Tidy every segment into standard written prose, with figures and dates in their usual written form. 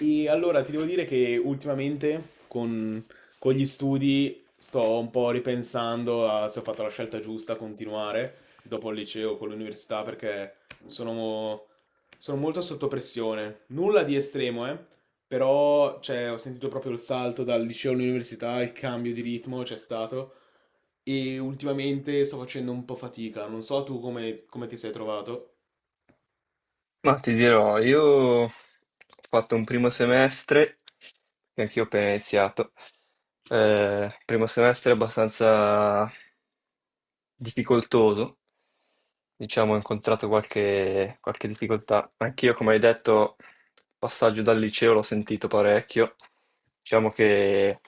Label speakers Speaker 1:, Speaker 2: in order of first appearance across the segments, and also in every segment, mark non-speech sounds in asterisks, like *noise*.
Speaker 1: E allora ti devo dire che ultimamente con gli studi sto un po' ripensando a se ho fatto la scelta giusta a continuare dopo il liceo con l'università perché sono, sono molto sotto pressione. Nulla di estremo, però cioè, ho sentito proprio il salto dal liceo all'università, il cambio di ritmo c'è stato e ultimamente sto facendo un po' fatica. Non so tu come ti sei trovato.
Speaker 2: Ma ti dirò, io ho fatto un primo semestre, che anch'io ho appena iniziato, primo semestre abbastanza difficoltoso, diciamo, ho incontrato qualche difficoltà. Anch'io, come hai detto, il passaggio dal liceo l'ho sentito parecchio, diciamo che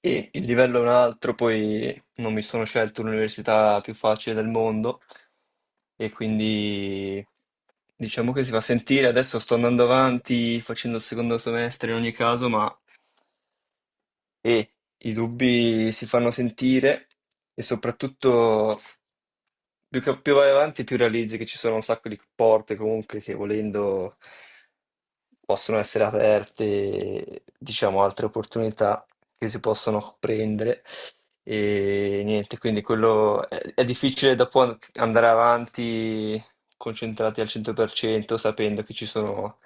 Speaker 2: il livello è un altro, poi non mi sono scelto l'università più facile del mondo e quindi diciamo che si fa sentire. Adesso sto andando avanti facendo il secondo semestre in ogni caso, ma e i dubbi si fanno sentire e soprattutto più vai avanti più realizzi che ci sono un sacco di porte comunque che volendo possono essere aperte, diciamo, altre opportunità che si possono prendere e niente, quindi è difficile dopo andare avanti concentrati al 100% sapendo che ci sono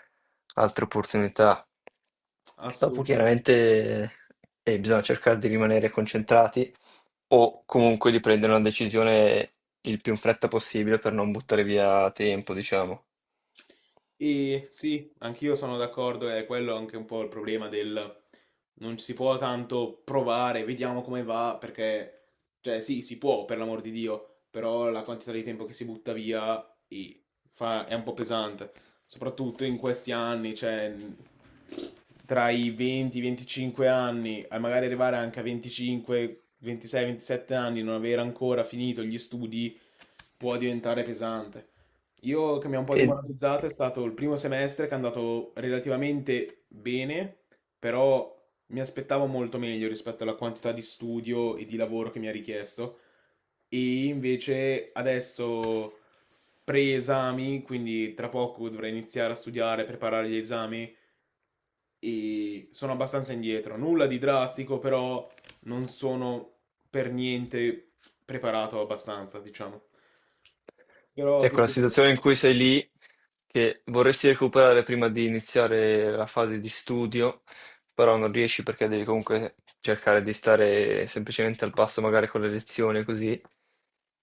Speaker 2: altre opportunità. Dopo
Speaker 1: Assolutamente.
Speaker 2: chiaramente bisogna cercare di rimanere concentrati o comunque di prendere una decisione il più in fretta possibile per non buttare via tempo, diciamo.
Speaker 1: E sì, anch'io sono d'accordo, è quello anche un po' il problema del non si può tanto provare, vediamo come va, perché, cioè sì, si può, per l'amor di Dio, però la quantità di tempo che si butta via e è un po' pesante, soprattutto in questi anni, tra i 20, 25 anni, a magari arrivare anche a 25, 26, 27 anni, non aver ancora finito gli studi, può diventare pesante. Io che mi ha un po'
Speaker 2: E
Speaker 1: demoralizzato è stato il primo semestre che è andato relativamente bene, però mi aspettavo molto meglio rispetto alla quantità di studio e di lavoro che mi ha richiesto. E invece adesso pre-esami, quindi tra poco dovrei iniziare a studiare, preparare gli esami e sono abbastanza indietro. Nulla di drastico, però non sono per niente preparato abbastanza, diciamo. Però ti
Speaker 2: ecco la
Speaker 1: devo dire.
Speaker 2: situazione in cui sei lì, che vorresti recuperare prima di iniziare la fase di studio, però non riesci perché devi comunque cercare di stare semplicemente al passo magari con le lezioni così.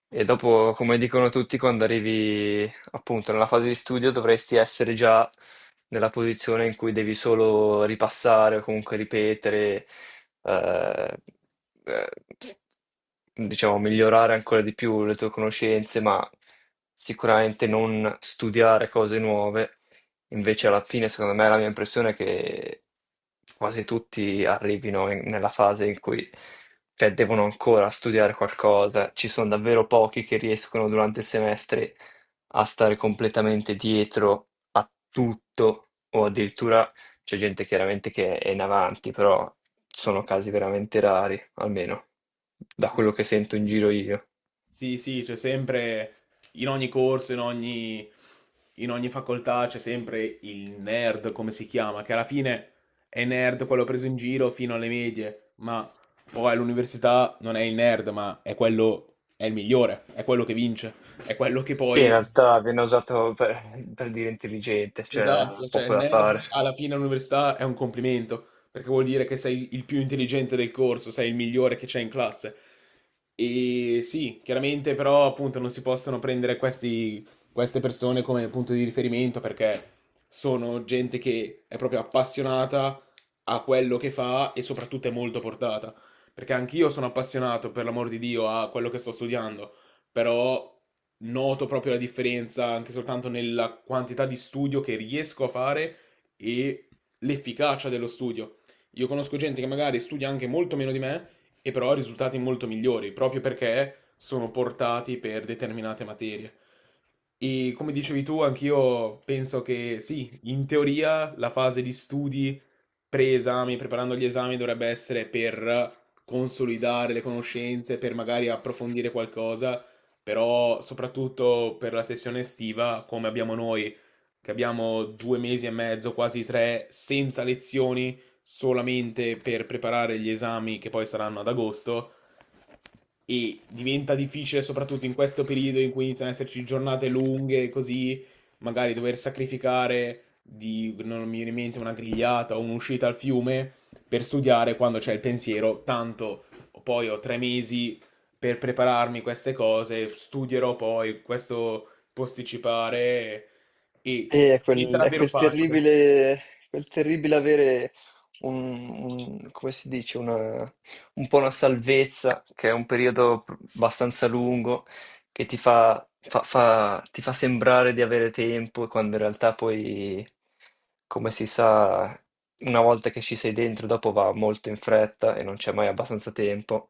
Speaker 2: E dopo, come dicono tutti, quando arrivi appunto nella fase di studio dovresti essere già nella posizione in cui devi solo ripassare o comunque ripetere, eh, eh, diciamo, migliorare ancora di più le tue conoscenze, ma sicuramente non studiare cose nuove. Invece alla fine, secondo me, la mia impressione è che quasi tutti arrivino nella fase in cui cioè, devono ancora studiare qualcosa. Ci sono davvero pochi che riescono durante il semestre a stare completamente dietro a tutto, o addirittura c'è gente chiaramente che è in avanti, però sono casi veramente rari, almeno da quello che sento in giro io.
Speaker 1: Sì, sì, c'è sempre, in ogni corso, in ogni facoltà c'è sempre il nerd, come si chiama, che alla fine è nerd quello preso in giro fino alle medie, ma poi all'università non è il nerd, ma è quello, è il migliore, è quello che vince, è quello che
Speaker 2: Sì, in
Speaker 1: poi.
Speaker 2: realtà viene per dire intelligente, cioè
Speaker 1: Esatto. Allora, cioè
Speaker 2: poco
Speaker 1: il
Speaker 2: da
Speaker 1: nerd
Speaker 2: fare.
Speaker 1: alla fine all'università è un complimento, perché vuol dire che sei il più intelligente del corso, sei il migliore che c'è in classe. E sì, chiaramente però appunto non si possono prendere queste persone come punto di riferimento perché sono gente che è proprio appassionata a quello che fa e soprattutto è molto portata. Perché anch'io sono appassionato, per l'amor di Dio, a quello che sto studiando però noto proprio la differenza anche soltanto nella quantità di studio che riesco a fare e l'efficacia dello studio. Io conosco gente che magari studia anche molto meno di me e però ha risultati molto migliori, proprio perché sono portati per determinate materie. E come dicevi tu, anch'io penso che sì, in teoria la fase di studi pre-esami, preparando gli esami, dovrebbe essere per consolidare le conoscenze, per magari approfondire qualcosa però soprattutto per la sessione estiva, come abbiamo noi, che abbiamo due mesi e mezzo, quasi tre, senza lezioni, solamente per preparare gli esami che poi saranno ad agosto, e diventa difficile soprattutto in questo periodo in cui iniziano ad esserci giornate lunghe, così magari dover sacrificare di, non mi viene in mente, una grigliata o un'uscita al fiume per studiare quando c'è il pensiero, tanto poi ho tre mesi per prepararmi queste cose, studierò poi questo posticipare e
Speaker 2: E
Speaker 1: diventa
Speaker 2: è
Speaker 1: davvero facile.
Speaker 2: quel terribile avere un, come si dice, un po' una salvezza, che è un periodo abbastanza lungo, che ti fa sembrare di avere tempo, quando in realtà poi, come si sa, una volta che ci sei dentro, dopo va molto in fretta e non c'è mai abbastanza tempo.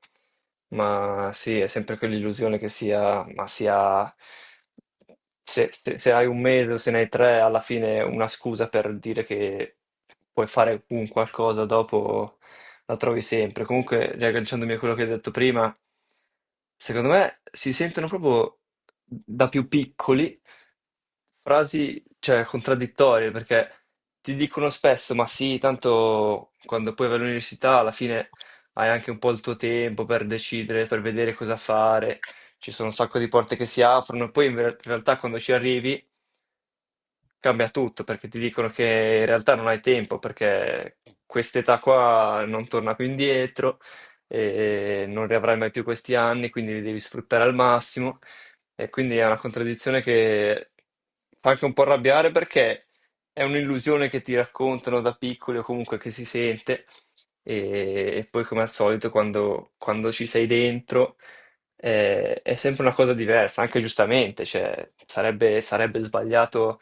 Speaker 2: Ma sì, è sempre quell'illusione che sia, ma sia, se, se- se hai un mese o se ne hai tre, alla fine è una scusa per dire che puoi fare un qualcosa dopo la trovi sempre. Comunque, riagganciandomi a quello che hai detto prima, secondo me si sentono proprio da più piccoli frasi, cioè, contraddittorie, perché ti dicono spesso, ma sì, tanto quando poi vai all'università alla fine hai anche un po' il tuo tempo per decidere, per vedere cosa fare, ci sono un sacco di porte che si aprono, e poi in realtà quando ci arrivi cambia tutto perché ti dicono che in realtà non hai tempo perché quest'età qua non torna più indietro e non riavrai mai più questi anni, quindi li devi sfruttare al massimo. E quindi è una contraddizione che fa anche un po' arrabbiare perché è un'illusione che ti raccontano da piccoli o comunque che si sente e poi come al solito quando ci sei dentro è sempre una cosa diversa, anche giustamente, cioè, sarebbe sbagliato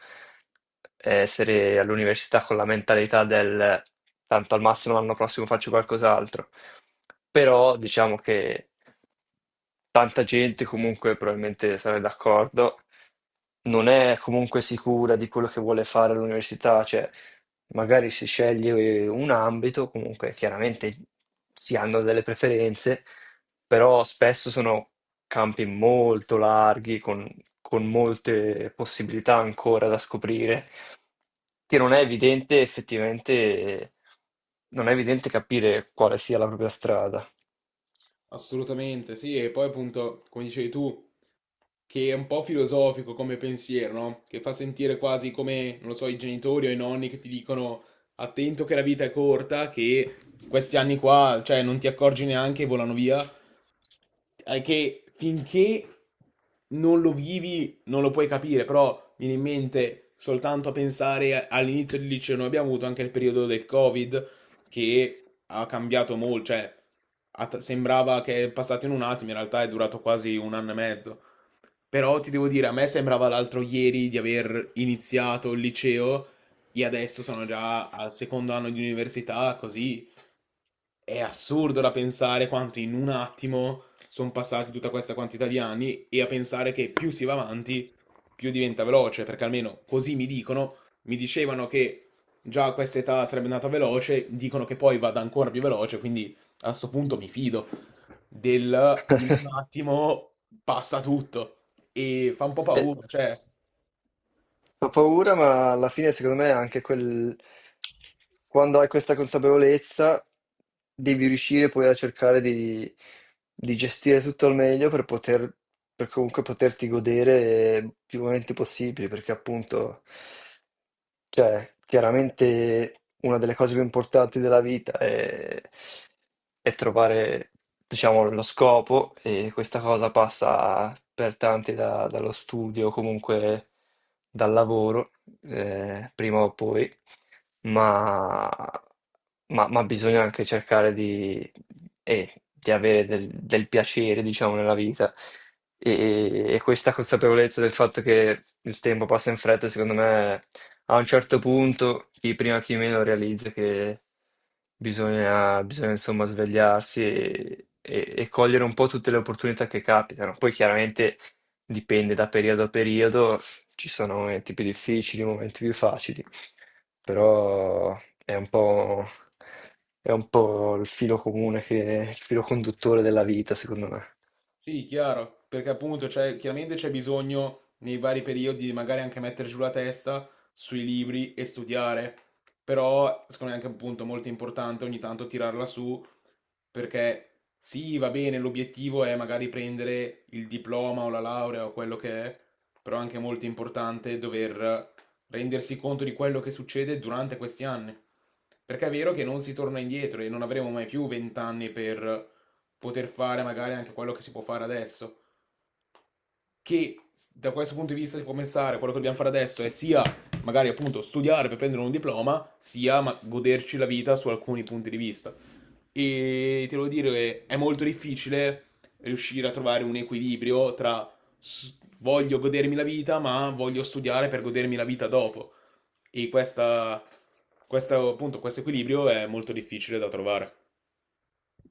Speaker 2: essere all'università con la mentalità del tanto al massimo l'anno prossimo faccio qualcos'altro, però diciamo che tanta gente comunque probabilmente sarà d'accordo, non è comunque sicura di quello che vuole fare all'università, cioè magari si sceglie un ambito, comunque chiaramente si hanno delle preferenze, però spesso sono campi molto larghi, con molte possibilità ancora da scoprire, che non è evidente effettivamente, non è evidente capire quale sia la propria strada.
Speaker 1: Assolutamente, sì, e poi appunto, come dicevi tu, che è un po' filosofico come pensiero, no? Che fa sentire quasi come, non lo so, i genitori o i nonni che ti dicono attento che la vita è corta, che questi anni qua, cioè, non ti accorgi neanche e volano via, è che finché non lo vivi non lo puoi capire, però viene in mente soltanto a pensare all'inizio del liceo. Noi abbiamo avuto anche il periodo del Covid che ha cambiato molto, cioè sembrava che è passato in un attimo, in realtà è durato quasi un anno e mezzo. Però ti devo dire, a me sembrava l'altro ieri di aver iniziato il liceo e adesso sono già al secondo anno di università, così è assurdo da pensare quanto in un attimo sono passati tutta questa quantità di anni e a pensare che più si va avanti, più diventa veloce, perché almeno così mi dicono, mi dicevano che già a questa età sarebbe andata veloce, dicono che poi vada ancora più veloce, quindi a sto punto mi fido del in un
Speaker 2: *laughs*
Speaker 1: attimo passa tutto e fa un po'
Speaker 2: Eh,
Speaker 1: paura, cioè.
Speaker 2: Fa paura, ma alla fine secondo me anche quel, quando hai questa consapevolezza devi riuscire poi a cercare di gestire tutto al meglio per poter, per comunque poterti godere più momenti possibili, perché appunto cioè, chiaramente una delle cose più importanti della vita è trovare, diciamo, lo scopo e questa cosa passa per tanti dallo studio, comunque dal lavoro, prima o poi, ma, ma bisogna anche cercare di avere del, del piacere, diciamo, nella vita. E questa consapevolezza del fatto che il tempo passa in fretta, secondo me a un certo punto, chi prima chi meno realizza che bisogna, bisogna insomma svegliarsi e, e cogliere un po' tutte le opportunità che capitano. Poi chiaramente dipende da periodo a periodo, ci sono momenti più difficili, momenti più facili, però è un po', è un po' il filo comune che, il filo conduttore della vita, secondo me.
Speaker 1: Sì, chiaro, perché appunto chiaramente c'è bisogno nei vari periodi di magari anche mettere giù la testa sui libri e studiare, però secondo me è anche appunto molto importante ogni tanto tirarla su perché sì, va bene, l'obiettivo è magari prendere il diploma o la laurea o quello che è, però è anche molto importante dover rendersi conto di quello che succede durante questi anni, perché è vero che non si torna indietro e non avremo mai più 20 anni per poter fare magari anche quello che si può fare adesso. Che da questo punto di vista si può pensare, quello che dobbiamo fare adesso è sia magari appunto studiare per prendere un diploma, sia goderci la vita su alcuni punti di vista. E ti devo dire, è molto difficile riuscire a trovare un equilibrio tra s- voglio godermi la vita, ma voglio studiare per godermi la vita dopo. E questa, appunto, questo equilibrio è molto difficile da trovare.